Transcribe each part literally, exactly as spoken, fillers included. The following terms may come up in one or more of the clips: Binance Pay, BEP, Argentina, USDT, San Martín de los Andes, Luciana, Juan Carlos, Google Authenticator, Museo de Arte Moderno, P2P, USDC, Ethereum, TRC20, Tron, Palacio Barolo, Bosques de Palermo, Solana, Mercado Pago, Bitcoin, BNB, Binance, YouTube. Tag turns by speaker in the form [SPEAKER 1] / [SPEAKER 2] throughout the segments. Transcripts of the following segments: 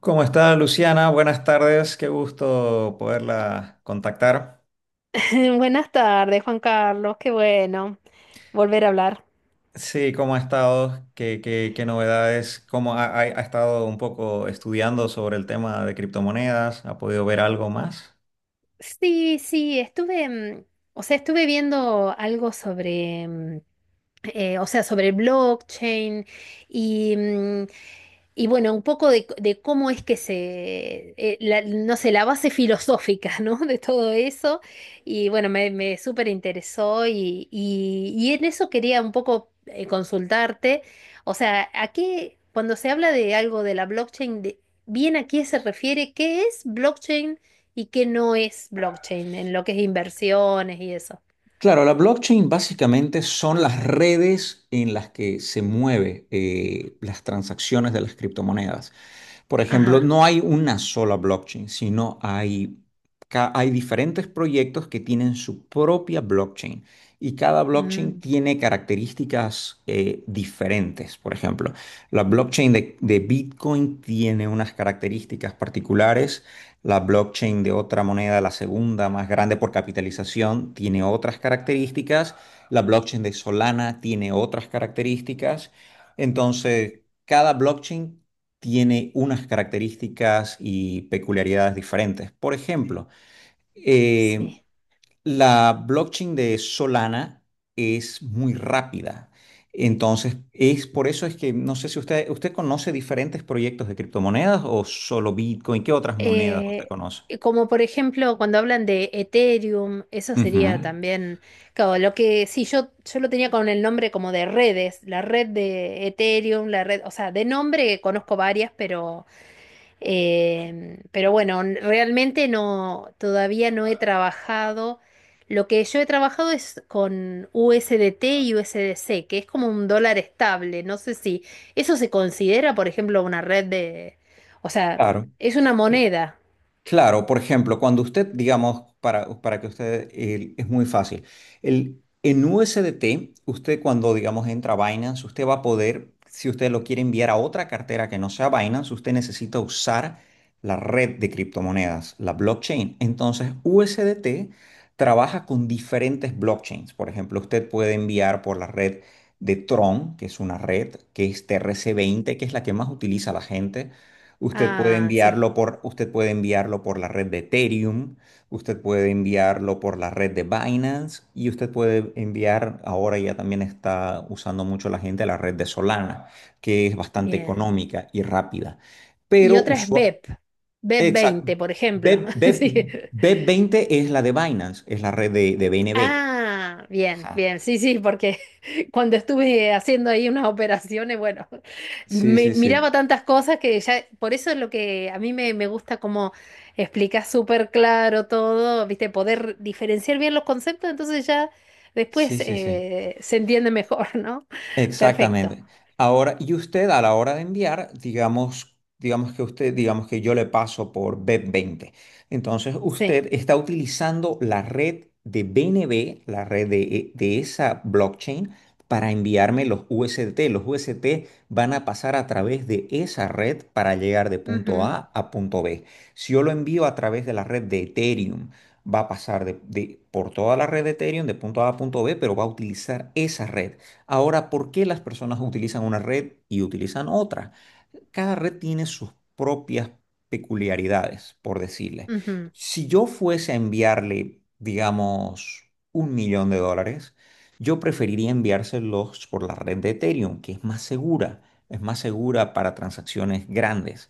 [SPEAKER 1] ¿Cómo está Luciana? Buenas tardes, qué gusto poderla contactar.
[SPEAKER 2] Buenas tardes, Juan Carlos. Qué bueno volver a hablar.
[SPEAKER 1] Sí, ¿cómo ha estado? ¿Qué, qué- qué novedades? ¿Cómo ha, ha- ha estado un poco estudiando sobre el tema de criptomonedas? ¿Ha podido ver algo más?
[SPEAKER 2] Sí, sí, estuve, mm, o sea, estuve viendo algo sobre, mm, eh, o sea, sobre blockchain y mm, Y bueno, un poco de, de cómo es que se, eh, la- no sé, la base filosófica, ¿no? De todo eso. Y bueno, me, me súper interesó y, y, y en eso quería un poco eh, consultarte. O sea, aquí, cuando se habla de algo de la blockchain, de- bien a qué se refiere, qué es blockchain y qué no es blockchain en lo que es inversiones y eso.
[SPEAKER 1] Claro, la blockchain básicamente son las redes en las que se mueven las transacciones de las criptomonedas. Por ejemplo,
[SPEAKER 2] Ajá.
[SPEAKER 1] no hay una sola blockchain, sino hay, ca- hay diferentes proyectos que tienen su propia blockchain y cada blockchain
[SPEAKER 2] Mm,
[SPEAKER 1] tiene características eh, diferentes. Por ejemplo, la blockchain de, de Bitcoin tiene unas características particulares, la blockchain de otra moneda, la segunda más grande por capitalización, tiene otras características, la blockchain de Solana tiene otras características. Entonces, cada blockchain tiene unas características y peculiaridades diferentes. Por ejemplo, eh,
[SPEAKER 2] sí.
[SPEAKER 1] la blockchain de Solana es muy rápida. Entonces, es por eso es que no sé si usted, usted conoce diferentes proyectos de criptomonedas o solo Bitcoin, ¿qué otras monedas usted
[SPEAKER 2] Eh,
[SPEAKER 1] conoce?
[SPEAKER 2] como por ejemplo cuando hablan de Ethereum, eso
[SPEAKER 1] Ujú.
[SPEAKER 2] sería también, claro, lo que sí, yo, yo lo tenía con el nombre como de redes, la red de Ethereum, la red, o sea, de nombre conozco varias, pero, eh, pero bueno, n- realmente no, todavía no he trabajado. Lo que yo he trabajado es con U S D T y U S D C, que es como un dólar estable. No sé si eso se considera, por ejemplo, una red de, o sea,
[SPEAKER 1] Claro.
[SPEAKER 2] es una moneda.
[SPEAKER 1] Claro, por ejemplo, cuando usted, digamos, para, para que usted, el- es muy fácil. El, en U S D T, usted cuando, digamos, entra a Binance, usted va a poder, si usted lo quiere enviar a otra cartera que no sea Binance, usted necesita usar la red de criptomonedas, la blockchain. Entonces, U S D T trabaja con diferentes blockchains. Por ejemplo, usted puede enviar por la red de Tron, que es una red, que es T R C veinte que es la que más utiliza la gente. Usted puede
[SPEAKER 2] Ah, sí,
[SPEAKER 1] enviarlo por, usted puede enviarlo por la red de Ethereum, usted puede enviarlo por la red de Binance y usted puede enviar, ahora ya también está usando mucho la gente la red de Solana, que es bastante
[SPEAKER 2] bien.
[SPEAKER 1] económica y rápida.
[SPEAKER 2] Y
[SPEAKER 1] Pero
[SPEAKER 2] otra es
[SPEAKER 1] usual,
[SPEAKER 2] B E P, BEP
[SPEAKER 1] exacto,
[SPEAKER 2] veinte, por ejemplo.
[SPEAKER 1] B,
[SPEAKER 2] Sí.
[SPEAKER 1] B, veinte es la de Binance, es la red de, de B N B.
[SPEAKER 2] Ah, bien,
[SPEAKER 1] Ajá.
[SPEAKER 2] bien, sí, sí, porque cuando estuve haciendo ahí unas operaciones, bueno,
[SPEAKER 1] Sí,
[SPEAKER 2] me
[SPEAKER 1] sí, sí.
[SPEAKER 2] miraba tantas cosas que ya, por eso es lo que a mí me, me gusta como explicás súper claro todo, viste, poder diferenciar bien los conceptos, entonces ya
[SPEAKER 1] Sí,
[SPEAKER 2] después
[SPEAKER 1] sí, sí.
[SPEAKER 2] eh, se entiende mejor, ¿no? Perfecto,
[SPEAKER 1] Exactamente. Ahora, y usted a la hora de enviar, digamos, digamos que usted, digamos que yo le paso por B veinte. Entonces,
[SPEAKER 2] sí.
[SPEAKER 1] usted está utilizando la red de B N B, la red de, de esa blockchain, para enviarme los U S D T. Los U S D T van a pasar a través de esa red para llegar de punto
[SPEAKER 2] Ujú,
[SPEAKER 1] A a punto B. Si yo lo envío a través de la red de Ethereum, va a pasar de, de- por toda la red de Ethereum de punto A a punto B, pero va a utilizar esa red. Ahora, ¿por qué las personas utilizan una red y utilizan otra? Cada red tiene sus propias peculiaridades, por decirle.
[SPEAKER 2] ujú,
[SPEAKER 1] Si yo fuese a enviarle, digamos, un millón de dólares, yo preferiría enviárselos por la red de Ethereum, que es más segura, es más segura para transacciones grandes.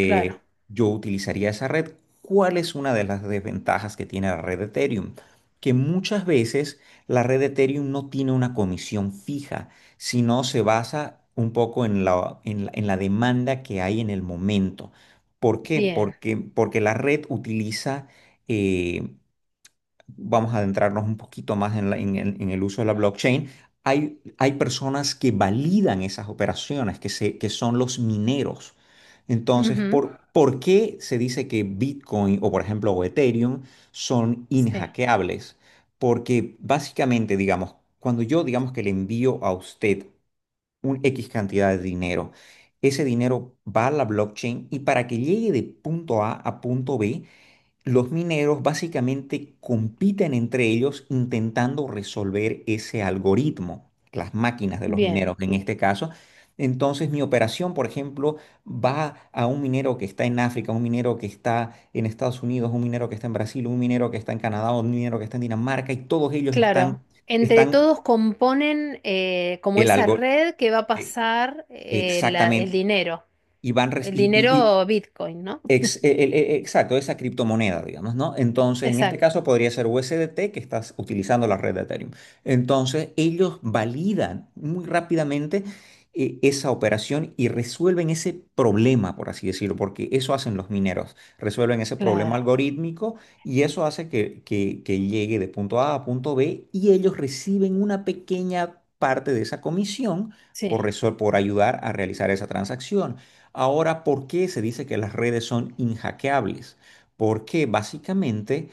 [SPEAKER 2] Claro,
[SPEAKER 1] Yo utilizaría esa red. ¿Cuál es una de las desventajas que tiene la red de Ethereum? Que muchas veces la red de Ethereum no tiene una comisión fija sino se basa un poco en la, en la, en la demanda que hay en el momento. ¿Por qué?
[SPEAKER 2] bien.
[SPEAKER 1] Porque, porque la red utiliza, eh, vamos a adentrarnos un poquito más en, la- en el, en el uso de la blockchain. Hay, hay personas que validan esas operaciones, que, se, que son los mineros. Entonces,
[SPEAKER 2] ujú.
[SPEAKER 1] ¿por, por qué se dice que Bitcoin o, por ejemplo, o Ethereum son
[SPEAKER 2] Sí,
[SPEAKER 1] inhackeables? Porque básicamente, digamos, cuando yo digamos que le envío a usted un X cantidad de dinero. Ese dinero va a la blockchain y para que llegue de punto A a punto B, los mineros básicamente compiten entre ellos intentando resolver ese algoritmo, las máquinas de los
[SPEAKER 2] bien,
[SPEAKER 1] mineros en este caso. Entonces mi operación, por ejemplo, va a un minero que está en África, un minero que está en Estados Unidos, un minero que está en Brasil, un minero que está en Canadá, un minero que está en Dinamarca y todos ellos
[SPEAKER 2] claro.
[SPEAKER 1] están,
[SPEAKER 2] Entre
[SPEAKER 1] están
[SPEAKER 2] todos componen eh, como
[SPEAKER 1] el
[SPEAKER 2] esa
[SPEAKER 1] algoritmo.
[SPEAKER 2] red que va a
[SPEAKER 1] eh,
[SPEAKER 2] pasar eh, la- el
[SPEAKER 1] Exactamente.
[SPEAKER 2] dinero,
[SPEAKER 1] Y van re-
[SPEAKER 2] el
[SPEAKER 1] y, y- y
[SPEAKER 2] dinero Bitcoin, ¿no?
[SPEAKER 1] ex- e- el- e- exacto, esa criptomoneda, digamos, ¿no? Entonces, en este
[SPEAKER 2] Exacto,
[SPEAKER 1] caso podría ser U S D T que estás utilizando la red de Ethereum. Entonces, ellos validan muy rápidamente eh, esa operación y resuelven ese problema, por así decirlo, porque eso hacen los mineros, resuelven ese problema
[SPEAKER 2] claro,
[SPEAKER 1] algorítmico y eso hace que, que que llegue de punto A a punto B y ellos reciben una pequeña parte de esa comisión
[SPEAKER 2] sí,
[SPEAKER 1] por, resol- por ayudar a realizar esa transacción. Ahora, ¿por qué se dice que las redes son inhackeables? Porque básicamente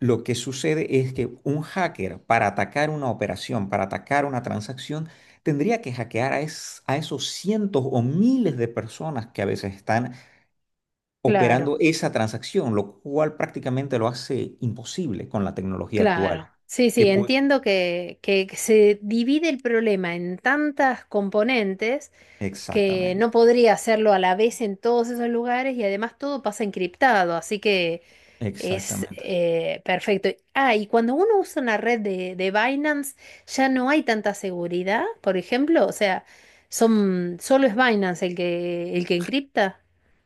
[SPEAKER 1] lo que sucede es que un hacker para atacar una operación, para atacar una transacción, tendría que hackear a, es- a esos cientos o miles de personas que a veces están
[SPEAKER 2] claro.
[SPEAKER 1] operando esa transacción, lo cual prácticamente lo hace imposible con la tecnología actual.
[SPEAKER 2] Claro, sí,
[SPEAKER 1] ¿Que
[SPEAKER 2] sí,
[SPEAKER 1] puede?
[SPEAKER 2] entiendo que, que se divide el problema en tantas componentes que
[SPEAKER 1] Exactamente,
[SPEAKER 2] no podría hacerlo a la vez en todos esos lugares y además todo pasa encriptado, así que es
[SPEAKER 1] exactamente.
[SPEAKER 2] eh, perfecto. Ah, y cuando uno usa una red de, de Binance ya no hay tanta seguridad, por ejemplo, o sea, son, solo es Binance el que, el que encripta.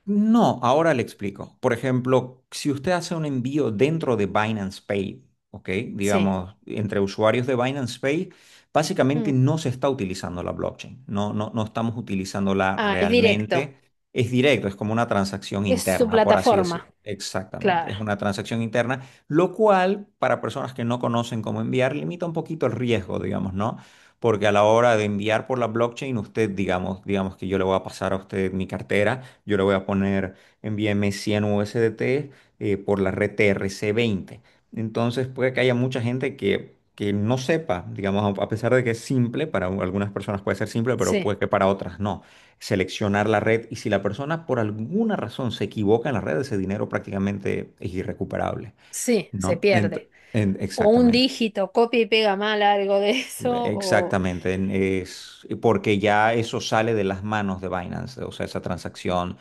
[SPEAKER 1] No, ahora le explico. Por ejemplo, si usted hace un envío dentro de Binance Pay, ¿ok?
[SPEAKER 2] Sí.
[SPEAKER 1] Digamos, entre usuarios de Binance Pay, básicamente
[SPEAKER 2] Mm.
[SPEAKER 1] no se está utilizando la blockchain, no, no, no estamos utilizándola
[SPEAKER 2] Ah, es directo,
[SPEAKER 1] realmente. Es directo, es como una transacción
[SPEAKER 2] es su
[SPEAKER 1] interna, por así decirlo.
[SPEAKER 2] plataforma,
[SPEAKER 1] Exactamente, es
[SPEAKER 2] claro,
[SPEAKER 1] una transacción interna, lo cual para personas que no conocen cómo enviar limita un poquito el riesgo, digamos, ¿no? Porque a la hora de enviar por la blockchain, usted, digamos, digamos que yo le voy a pasar a usted mi cartera. Yo le voy a poner, envíame cien U S D T eh, por la red T R C veinte. Entonces puede que haya mucha gente que, que no sepa, digamos, a a pesar de que es simple, para u- algunas personas puede ser simple, pero
[SPEAKER 2] sí.
[SPEAKER 1] puede que para otras no. Seleccionar la red y si la persona por alguna razón se equivoca en la red, ese dinero prácticamente es irrecuperable,
[SPEAKER 2] Sí, se
[SPEAKER 1] ¿no? Ent-
[SPEAKER 2] pierde.
[SPEAKER 1] en-
[SPEAKER 2] O un
[SPEAKER 1] exactamente.
[SPEAKER 2] dígito, copia y pega mal algo de eso, o...
[SPEAKER 1] Exactamente, en- es porque ya eso sale de las manos de Binance, o sea, esa transacción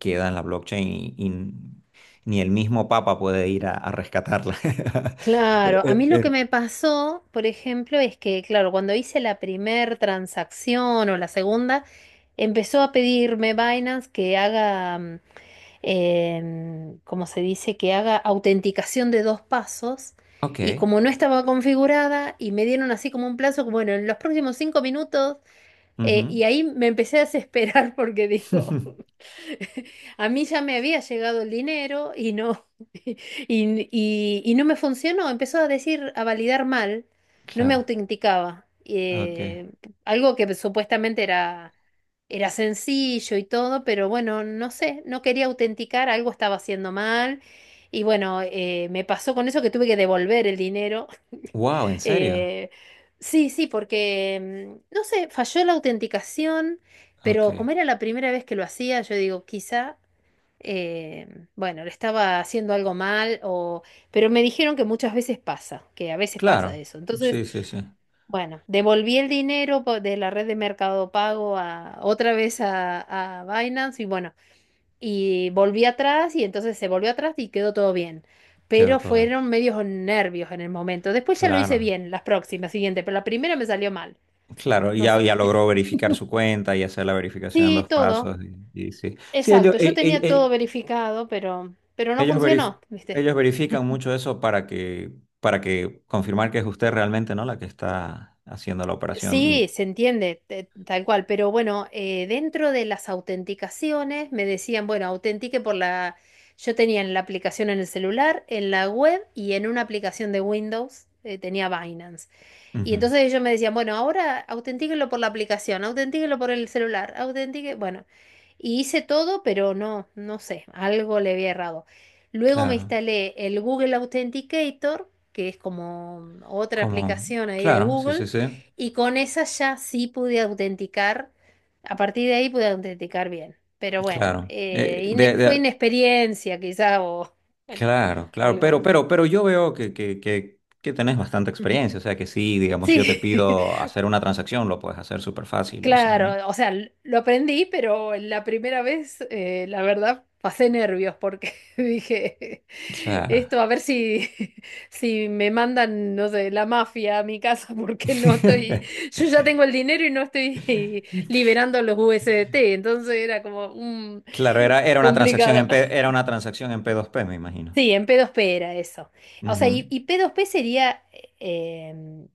[SPEAKER 1] queda en la blockchain y, y ni el mismo Papa puede ir a, a rescatarla. Eh,
[SPEAKER 2] Claro, a
[SPEAKER 1] eh,
[SPEAKER 2] mí lo que
[SPEAKER 1] eh,
[SPEAKER 2] me pasó, por ejemplo, es que, claro, cuando hice la primer transacción o la segunda, empezó a pedirme Binance que haga, mm, em, ¿cómo se dice? Que haga autenticación de dos pasos.
[SPEAKER 1] Ok,
[SPEAKER 2] Y como no estaba configurada y me dieron así como un plazo, como, bueno, en los próximos cinco minutos, eh,
[SPEAKER 1] ujú.
[SPEAKER 2] y ahí me empecé a desesperar porque digo... A mí ya me había llegado el dinero y no, y, y- y no me funcionó. Empezó a decir, a validar mal, no me
[SPEAKER 1] Claro,
[SPEAKER 2] autenticaba.
[SPEAKER 1] ok.
[SPEAKER 2] Eh, algo que supuestamente era, era sencillo y todo, pero bueno, no sé, no quería autenticar, algo estaba haciendo mal. Y bueno, eh, me pasó con eso que tuve que devolver el dinero.
[SPEAKER 1] Wow, ¿en serio?
[SPEAKER 2] Eh, sí, sí, porque, mm, no sé, falló la autenticación.
[SPEAKER 1] Ok,
[SPEAKER 2] Pero como era la primera vez que lo hacía, yo digo, quizá eh, bueno, le estaba haciendo algo mal, o, pero me dijeron que muchas veces pasa, que a veces pasa
[SPEAKER 1] claro,
[SPEAKER 2] eso. Entonces,
[SPEAKER 1] sí, sí, sí,
[SPEAKER 2] bueno, devolví el dinero po- de la red de Mercado Pago a, otra vez a, a Binance y bueno, y volví atrás y entonces se volvió atrás y quedó todo bien.
[SPEAKER 1] quedó
[SPEAKER 2] Pero
[SPEAKER 1] todo.
[SPEAKER 2] fueron medios nervios en el momento. Después ya lo hice
[SPEAKER 1] Claro,
[SPEAKER 2] bien, las próximas, siguiente, pero la primera me salió mal.
[SPEAKER 1] claro, y
[SPEAKER 2] No
[SPEAKER 1] ya,
[SPEAKER 2] sé.
[SPEAKER 1] ya logró verificar su cuenta y hacer la verificación en
[SPEAKER 2] Sí,
[SPEAKER 1] dos
[SPEAKER 2] todo.
[SPEAKER 1] pasos y, y sí. Sí, ellos,
[SPEAKER 2] Exacto. Yo tenía todo verificado, pero, pero no
[SPEAKER 1] Ellos verif-
[SPEAKER 2] funcionó, ¿viste?
[SPEAKER 1] ellos verifican mucho eso para que, para que confirmar que es usted realmente, ¿no? La que está haciendo la operación y...
[SPEAKER 2] Sí, se entiende, te- tal cual, pero bueno, eh, dentro de las autenticaciones me decían, bueno, autentique por la... Yo tenía en la aplicación en el celular, en la web y en una aplicación de Windows, eh, tenía Binance. Y
[SPEAKER 1] Ujú.
[SPEAKER 2] entonces ellos me decían, bueno, ahora autentíquenlo por la aplicación, autentíquenlo por el celular, autentique, bueno. Y hice todo, pero no, no sé, algo le había errado. Luego me
[SPEAKER 1] Claro,
[SPEAKER 2] instalé el Google Authenticator, que es como otra
[SPEAKER 1] como.
[SPEAKER 2] aplicación ahí de
[SPEAKER 1] Claro, sí,
[SPEAKER 2] Google,
[SPEAKER 1] sí, sí,
[SPEAKER 2] y con esa ya sí pude autenticar. A partir de ahí pude autenticar bien. Pero bueno,
[SPEAKER 1] claro.
[SPEAKER 2] eh,
[SPEAKER 1] Eh,
[SPEAKER 2] ine-
[SPEAKER 1] de,
[SPEAKER 2] fue
[SPEAKER 1] de-
[SPEAKER 2] inexperiencia quizá o bueno,
[SPEAKER 1] Claro, claro,
[SPEAKER 2] algo
[SPEAKER 1] pero,
[SPEAKER 2] ahí.
[SPEAKER 1] pero, pero yo veo que, que, que, que tenés bastante
[SPEAKER 2] Ujú.
[SPEAKER 1] experiencia, o sea que sí, digamos, si yo te
[SPEAKER 2] Sí.
[SPEAKER 1] pido hacer una transacción, lo puedes hacer súper fácil, o sea, ¿no?
[SPEAKER 2] Claro, o sea, l- lo aprendí, pero la primera vez, eh, la verdad, pasé nervios porque dije,
[SPEAKER 1] Claro.
[SPEAKER 2] esto a ver si, si me mandan, no sé, la mafia a mi casa porque no estoy, yo ya tengo el dinero y no estoy liberando los U S D T, entonces era como un
[SPEAKER 1] Claro, era, era una transacción
[SPEAKER 2] complicado.
[SPEAKER 1] en P, era una transacción en P dos P, me imagino.
[SPEAKER 2] Sí, en P dos P era eso. O sea,
[SPEAKER 1] Ujú.
[SPEAKER 2] y, y P dos P sería, em,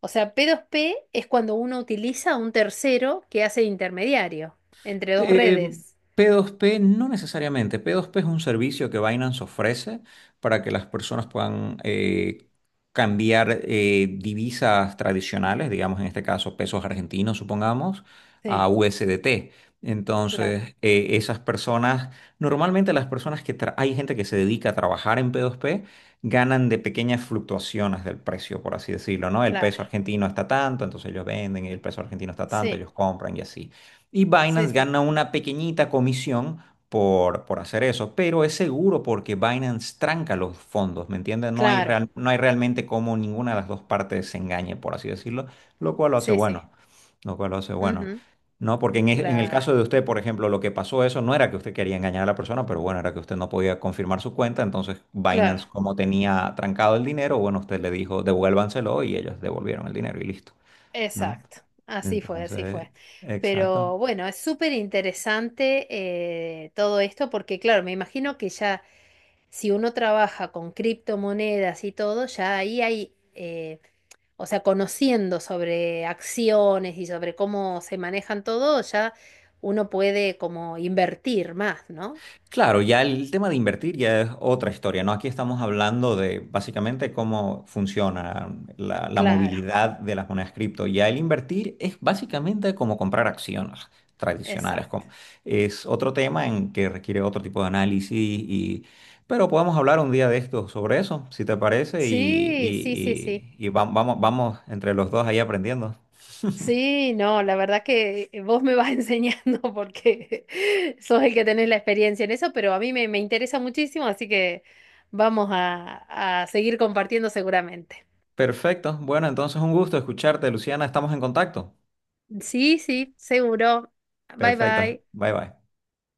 [SPEAKER 2] o sea, P dos P es cuando uno utiliza a un tercero que hace de intermediario entre dos
[SPEAKER 1] Eh,
[SPEAKER 2] redes.
[SPEAKER 1] P dos P no necesariamente. P dos P es un servicio que Binance ofrece para que las personas puedan eh, cambiar eh, divisas tradicionales, digamos en este caso pesos argentinos, supongamos, a
[SPEAKER 2] Sí,
[SPEAKER 1] U S D T.
[SPEAKER 2] claro,
[SPEAKER 1] Entonces, eh, esas personas, normalmente las personas que tra- hay gente que se dedica a trabajar en P dos P, ganan de pequeñas fluctuaciones del precio, por así decirlo, ¿no? El
[SPEAKER 2] claro.
[SPEAKER 1] peso argentino está tanto, entonces ellos venden, y el peso argentino está tanto,
[SPEAKER 2] Sí,
[SPEAKER 1] ellos compran y así. Y
[SPEAKER 2] sí,
[SPEAKER 1] Binance
[SPEAKER 2] sí.
[SPEAKER 1] gana una pequeñita comisión por, por hacer eso, pero es seguro porque Binance tranca los fondos, ¿me entiendes? No hay
[SPEAKER 2] Claro,
[SPEAKER 1] real- no hay realmente como ninguna de las dos partes se engañe, por así decirlo, lo cual lo hace
[SPEAKER 2] sí, sí.
[SPEAKER 1] bueno, lo cual lo hace bueno.
[SPEAKER 2] ujú,
[SPEAKER 1] No, porque en, e- en el
[SPEAKER 2] Claro,
[SPEAKER 1] caso de usted, por ejemplo, lo que pasó eso no era que usted quería engañar a la persona, pero bueno, era que usted no podía confirmar su cuenta, entonces Binance,
[SPEAKER 2] claro.
[SPEAKER 1] como tenía trancado el dinero, bueno, usted le dijo devuélvanselo y ellos devolvieron el dinero y listo, ¿no?
[SPEAKER 2] Exacto. Así fue, así
[SPEAKER 1] Entonces,
[SPEAKER 2] fue.
[SPEAKER 1] exacto.
[SPEAKER 2] Pero bueno, es súper interesante eh, todo esto porque, claro, me imagino que ya... Si uno trabaja con criptomonedas y todo, ya ahí hay, eh, o sea, conociendo sobre acciones y sobre cómo se manejan todo, ya uno puede como invertir más, ¿no?
[SPEAKER 1] Claro, ya el tema de invertir ya es otra historia, ¿no? Aquí estamos hablando de básicamente cómo funciona la, la
[SPEAKER 2] Claro,
[SPEAKER 1] movilidad de las monedas cripto. Ya el invertir es básicamente como comprar acciones tradicionales.
[SPEAKER 2] exacto.
[SPEAKER 1] como- es otro tema en que requiere otro tipo de análisis y, pero podemos hablar un día de esto sobre eso, si te parece, y,
[SPEAKER 2] Sí, sí, sí, sí.
[SPEAKER 1] y- y- y va- vamos, vamos entre los dos ahí aprendiendo.
[SPEAKER 2] Sí, no, la verdad que eh, vos me vas enseñando porque sos el que tenés la experiencia en eso, pero a mí me, me interesa muchísimo, así que vamos a a seguir compartiendo seguramente.
[SPEAKER 1] Perfecto. Bueno, entonces un gusto escucharte, Luciana. Estamos en contacto.
[SPEAKER 2] Sí, sí, seguro. Bye
[SPEAKER 1] Perfecto.
[SPEAKER 2] bye.
[SPEAKER 1] Bye bye.